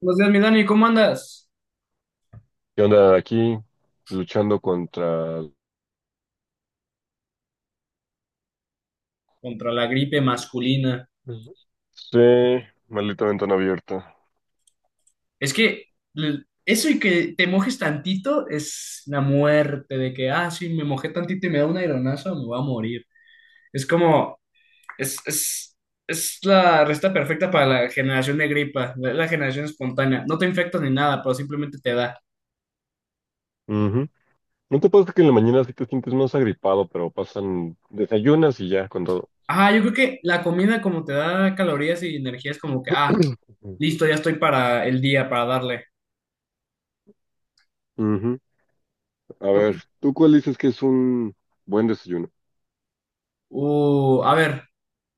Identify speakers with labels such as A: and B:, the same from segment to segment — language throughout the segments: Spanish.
A: Buenos días, mi Dani, ¿cómo andas?
B: ¿Qué onda? Aquí luchando contra...
A: Contra la gripe masculina.
B: Sí, maldita ventana abierta.
A: Es que eso y que te mojes tantito es la muerte de que, ah, sí, me mojé tantito y me da un aeronazo, me voy a morir. Es como, es, es, es la receta perfecta para la generación de gripa, la generación espontánea. No te infectas ni nada, pero simplemente te da.
B: Ujú. ¿No te pasa que en la mañana sí te sientes más agripado, pero pasan desayunas y ya con todo?
A: Ah, yo creo que la comida como te da calorías y energía es como que, ah,
B: Ujú.
A: listo, ya estoy para el día, para darle.
B: Ujú. A ver, ¿tú cuál dices que es un buen desayuno?
A: A ver,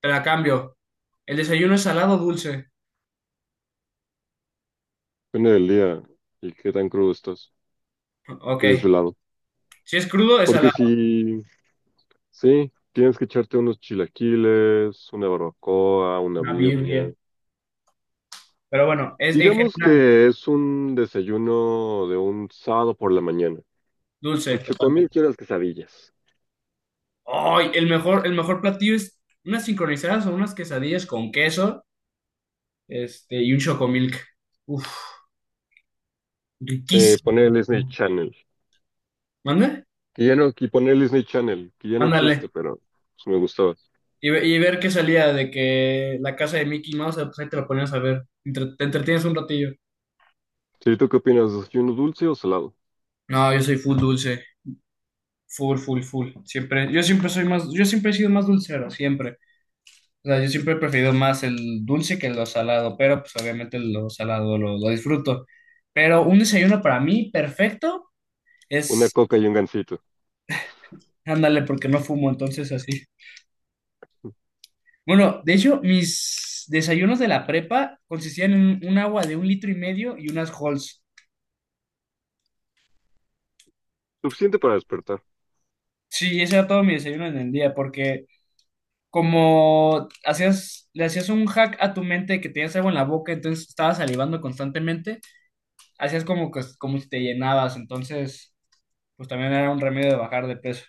A: te la cambio. ¿El desayuno es salado o dulce?
B: Depende del día y qué tan crudo estás
A: Ok.
B: y desvelado.
A: Si es crudo, es
B: Porque
A: salado.
B: si, sí, tienes que echarte unos chilaquiles, una barbacoa, una
A: Una
B: birria.
A: Biblia. Pero bueno, es en
B: Digamos
A: general
B: que es un desayuno de un sábado por la mañana.
A: dulce,
B: Tu chocomil
A: totalmente.
B: quiere las quesadillas.
A: Ay, el mejor platillo es unas sincronizadas o unas quesadillas con queso, este, y un chocomilk. Uf,
B: Poner
A: riquísimo.
B: el Disney Channel.
A: ¿Mande?
B: Que ya no, y poner el Disney Channel, que ya no
A: Ándale.
B: existe, pero pues, me gustaba.
A: Y ver qué salía de que la casa de Mickey Mouse, pues ahí te lo ponías a ver. Te entretienes un ratillo.
B: Sí, ¿tú qué opinas? ¿Desayuno dulce o salado?
A: No, yo soy full dulce. Full, full, full. Siempre, yo siempre soy más, yo siempre he sido más dulcero, siempre. O sea, yo siempre he preferido más el dulce que lo salado, pero pues obviamente lo salado lo disfruto. Pero un desayuno para mí perfecto
B: Una
A: es,
B: coca y un gansito.
A: ándale, porque no fumo, entonces así. Bueno, de hecho, mis desayunos de la prepa consistían en un agua de un litro y medio y unas Halls.
B: Suficiente para despertar.
A: Sí, ese era todo mi desayuno en el día, porque como hacías, le hacías un hack a tu mente de que tenías algo en la boca, entonces estabas salivando constantemente, hacías como que, como si te llenabas, entonces, pues también era un remedio de bajar de peso.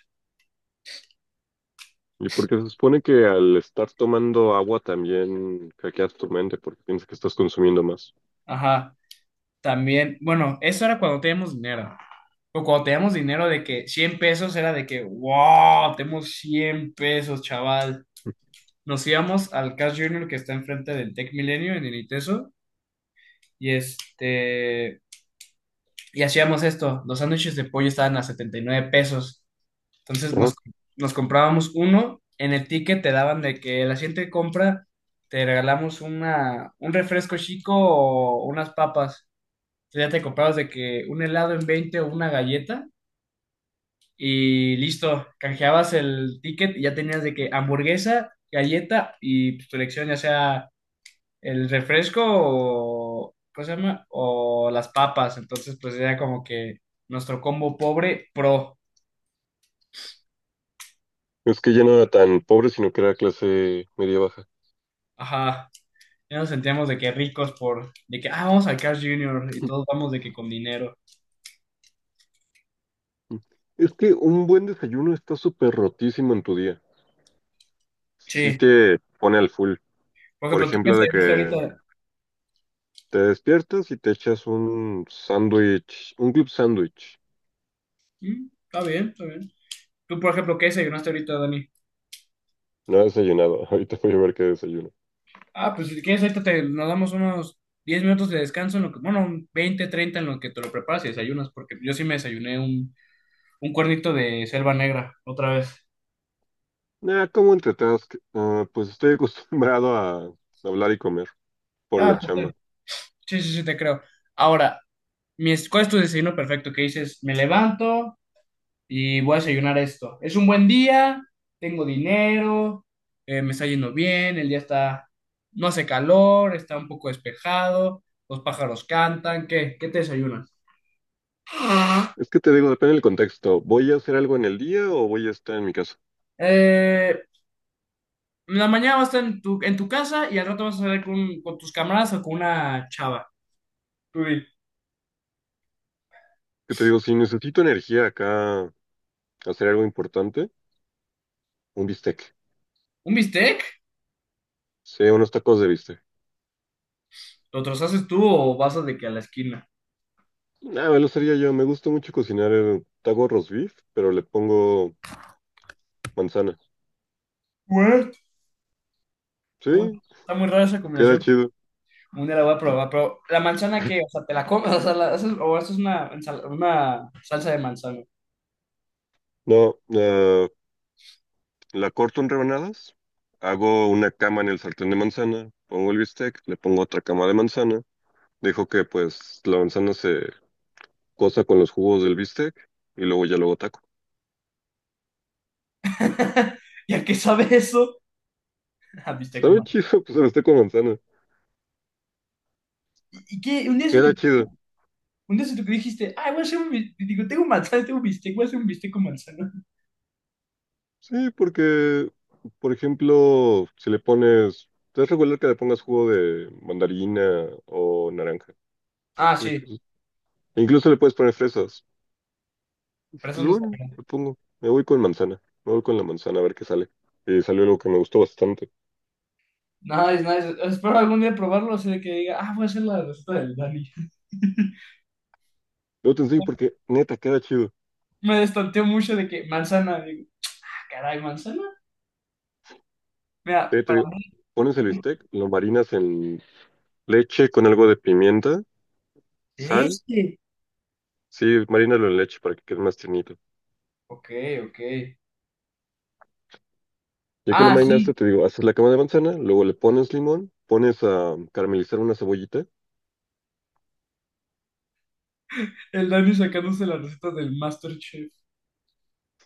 B: Y porque se supone que al estar tomando agua también hackeas tu mente porque piensas que estás consumiendo más.
A: Ajá, también, bueno, eso era cuando teníamos dinero. O cuando teníamos dinero de que 100 pesos era de que, wow, tenemos 100 pesos, chaval. Nos íbamos al Cash Junior que está enfrente del Tech Milenio en el ITESO y este, y hacíamos esto. Los sándwiches de pollo estaban a 79 pesos. Entonces
B: Ajá.
A: nos comprábamos uno. En el ticket te daban de que la siguiente compra te regalamos un refresco chico o unas papas. O ya te comprabas de que un helado en 20 o una galleta y listo, canjeabas el ticket y ya tenías de que hamburguesa, galleta y pues, tu elección, ya sea el refresco o, ¿cómo se llama? O las papas. Entonces, pues era como que nuestro combo pobre pro.
B: Es que ya no era tan pobre, sino que era clase media baja.
A: Ajá. Ya nos sentíamos de que ricos por, de que, ah, vamos al Carl Jr. y todos vamos de que con dinero.
B: Es que un buen desayuno está súper rotísimo en tu día. Sí
A: Sí.
B: te pone al full.
A: Por
B: Por
A: ejemplo, ¿tú qué
B: ejemplo, de
A: desayunaste
B: que
A: ahorita?
B: te despiertas y te echas un sándwich, un club sándwich.
A: Está bien, está bien. ¿Tú, por ejemplo, qué desayunaste ahorita, Dani?
B: No he desayunado. Ahorita voy a ver qué desayuno.
A: Ah, pues si quieres, ahorita nos damos unos 10 minutos de descanso, en lo que, bueno, un 20, 30 en lo que te lo preparas y desayunas, porque yo sí me desayuné un cuernito de selva negra otra vez.
B: Ah, ¿como entretask? Ah, pues estoy acostumbrado a hablar y comer por la
A: Ah, pues,
B: chamba.
A: está sí, sí, sí, te creo. Ahora, ¿cuál es tu desayuno perfecto? Que dices, me levanto y voy a desayunar esto. Es un buen día, tengo dinero, me está yendo bien, el día está, no hace calor, está un poco despejado, los pájaros cantan, ¿qué? ¿Qué te desayunas?
B: Es que te digo, depende del contexto. ¿Voy a hacer algo en el día o voy a estar en mi casa?
A: Eh, la mañana vas a estar en tu casa y al rato vas a salir con tus camaradas o con una chava. Tú di,
B: Que te digo, si necesito energía acá, hacer algo importante, un bistec.
A: ¿un bistec?
B: Sí, unos tacos de bistec.
A: ¿Lo haces tú o vas a de que a la esquina?
B: Ah, me lo sería yo. Me gusta mucho cocinar el taco roast beef, pero le pongo manzana.
A: What? Está muy,
B: Sí,
A: está muy rara esa
B: queda
A: combinación.
B: chido.
A: Un día la voy a probar, pero la manzana que, o sea, te la comes, o sea, haces, o haces una salsa de manzana.
B: No, la corto en rebanadas, hago una cama en el sartén de manzana, pongo el bistec, le pongo otra cama de manzana, dejo que pues la manzana se cosa con los jugos del bistec y luego ya luego taco.
A: ¿Y a qué sabe eso? A bistec con
B: Sabe
A: manzana.
B: chido, pues el bistec con manzana.
A: ¿Y qué? Un día se te
B: Queda chido.
A: un día se te que dijiste, ay, voy a hacer un bistec, digo, tengo manzana, tengo bistec, voy a hacer un bistec con manzana.
B: Sí, porque, por ejemplo, si le pones... Es regular que le pongas jugo de mandarina o naranja.
A: Ah,
B: Después
A: sí,
B: de- Incluso le puedes poner fresas. Dije,
A: pero eso
B: pues
A: no
B: bueno,
A: sabe.
B: le pongo. Me voy con manzana. Me voy con la manzana a ver qué sale. Y salió algo que me gustó bastante.
A: Nice, nice. Espero algún día probarlo, así de que diga, ah, voy a hacer la receta del Dani.
B: Luego te enseño porque, neta, queda chido.
A: Me destanteó mucho de que manzana. Digo, ah, caray, manzana. Mira,
B: Te
A: para
B: digo,
A: mí,
B: pones el bistec, lo marinas en leche con algo de pimienta, sal.
A: leche.
B: Sí, marínalo en leche para que quede más tiernito.
A: Ok, ok.
B: Ya que lo
A: Ah,
B: marinaste,
A: sí,
B: te digo, haces la cama de manzana, luego le pones limón, pones a caramelizar una cebollita.
A: el Dani sacándose la receta del MasterChef.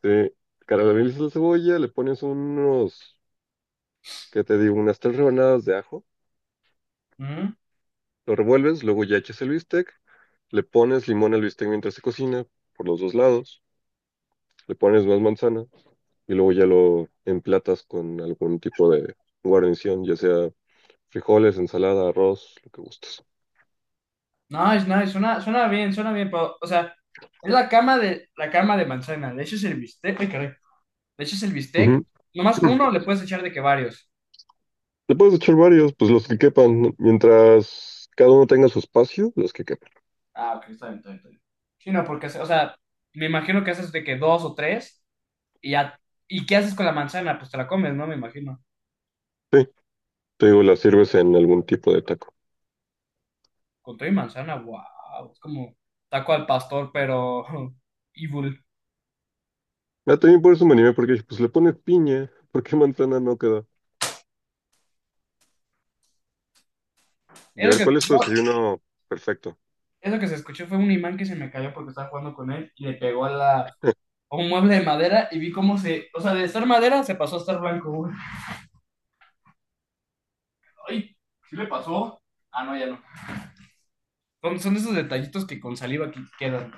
B: Sí, caramelizas la cebolla, le pones unos, ¿qué te digo? Unas tres rebanadas de ajo.
A: Mm,
B: Lo revuelves, luego ya echas el bistec, le pones limón al bistec mientras se cocina, por los dos lados, le pones más manzana y luego ya lo emplatas con algún tipo de guarnición, ya sea frijoles, ensalada, arroz, lo que gustes.
A: Nice, nice. Suena bien, suena bien. Pero, o sea, es la cama de manzana. Le echas el bistec. Ay, caray. Le echas el bistec.
B: Ujú.
A: Nomás uno le puedes echar de que varios.
B: Le puedes echar varios, pues los que quepan, ¿no? Mientras cada uno tenga su espacio, los que quepan.
A: Ah, ok, está bien, está bien, está bien. Sí, no, porque, o sea, me imagino que haces de que dos o tres y ya. ¿Y qué haces con la manzana? Pues te la comes, ¿no? Me imagino.
B: Sí, te digo, las sirves en algún tipo de taco.
A: Con todo y manzana, wow. Es como taco al pastor, pero evil.
B: Ah, también por eso me animé, porque dije, pues le pones piña, ¿por qué manzana no queda? Y a
A: Eso
B: ver,
A: que,
B: ¿cuál es tu desayuno perfecto?
A: eso que se escuchó fue un imán que se me cayó porque estaba jugando con él y le pegó a un mueble de madera y vi cómo se, o sea, de estar madera se pasó a estar blanco, güey. Ay, ¿sí le pasó? Ah, no, ya no. Son esos detallitos que con saliva que quedan.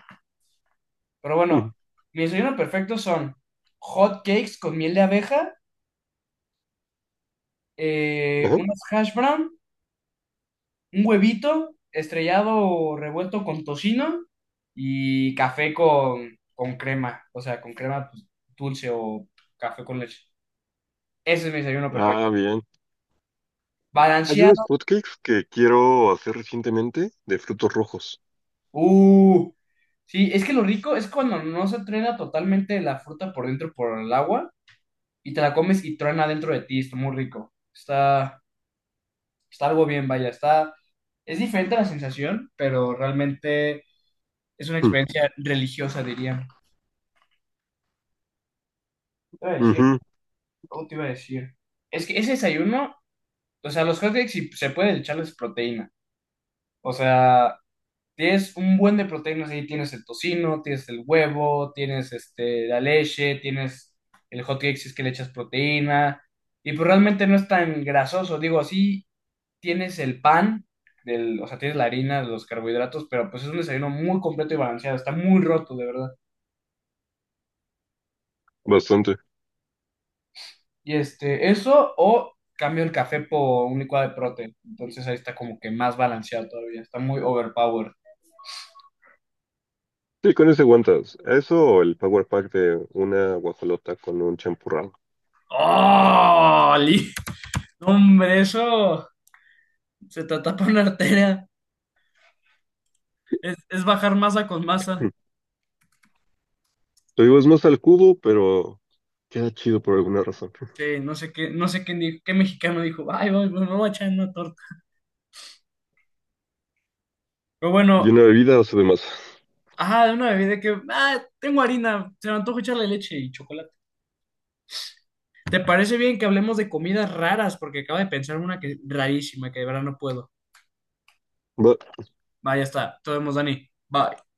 A: Pero
B: Ujú.
A: bueno, mi desayuno perfecto son hot cakes con miel de abeja,
B: Ajá.
A: unas hash brown, un huevito estrellado o revuelto con tocino y café con crema, o sea, con crema pues, dulce o café con leche. Ese es mi desayuno perfecto.
B: Ah, bien. Hay unos
A: Balanceado.
B: hotcakes que quiero hacer recientemente de frutos rojos.
A: Uh, sí, es que lo rico es cuando no se truena totalmente la fruta por dentro por el agua y te la comes y truena dentro de ti, está muy rico. Está algo bien, vaya, está. Es diferente la sensación, pero realmente es una
B: Mm,
A: experiencia religiosa, diría. Te iba a decir,
B: ujú,
A: ¿cómo te iba a decir? Es que ese desayuno, o sea, los hot cakes si se puede echarles proteína. O sea, tienes un buen de proteínas ahí, tienes el tocino, tienes el huevo, tienes este, la leche, tienes el hot cake si es que le echas proteína. Y pues realmente no es tan grasoso, digo, así tienes el pan, del, o sea, tienes la harina, los carbohidratos, pero pues es un desayuno muy completo y balanceado, está muy roto, de verdad.
B: bastante.
A: Y este, eso o cambio el café por un licuado de prote. Entonces ahí está como que más balanceado todavía, está muy overpowered.
B: Sí, con ese aguantas. Eso o el power pack de una guajolota con un champurrado.
A: ¡Oh! Hombre, eso se te tapa una arteria. Es bajar masa con masa.
B: Mm. Te digo, es más al cubo, pero queda chido por alguna razón.
A: Sí, no sé qué, no sé quién dijo, qué mexicano dijo, ay, voy, me voy a echar una torta. Pero
B: Y
A: bueno,
B: una bebida o sea, de masa.
A: ajá, de una bebida que, ah, tengo harina, se me antoja echarle leche y chocolate. ¿Te parece bien que hablemos de comidas raras? Porque acabo de pensar una que rarísima, que de verdad no puedo. Va, ya está. Nos vemos, Dani. Bye.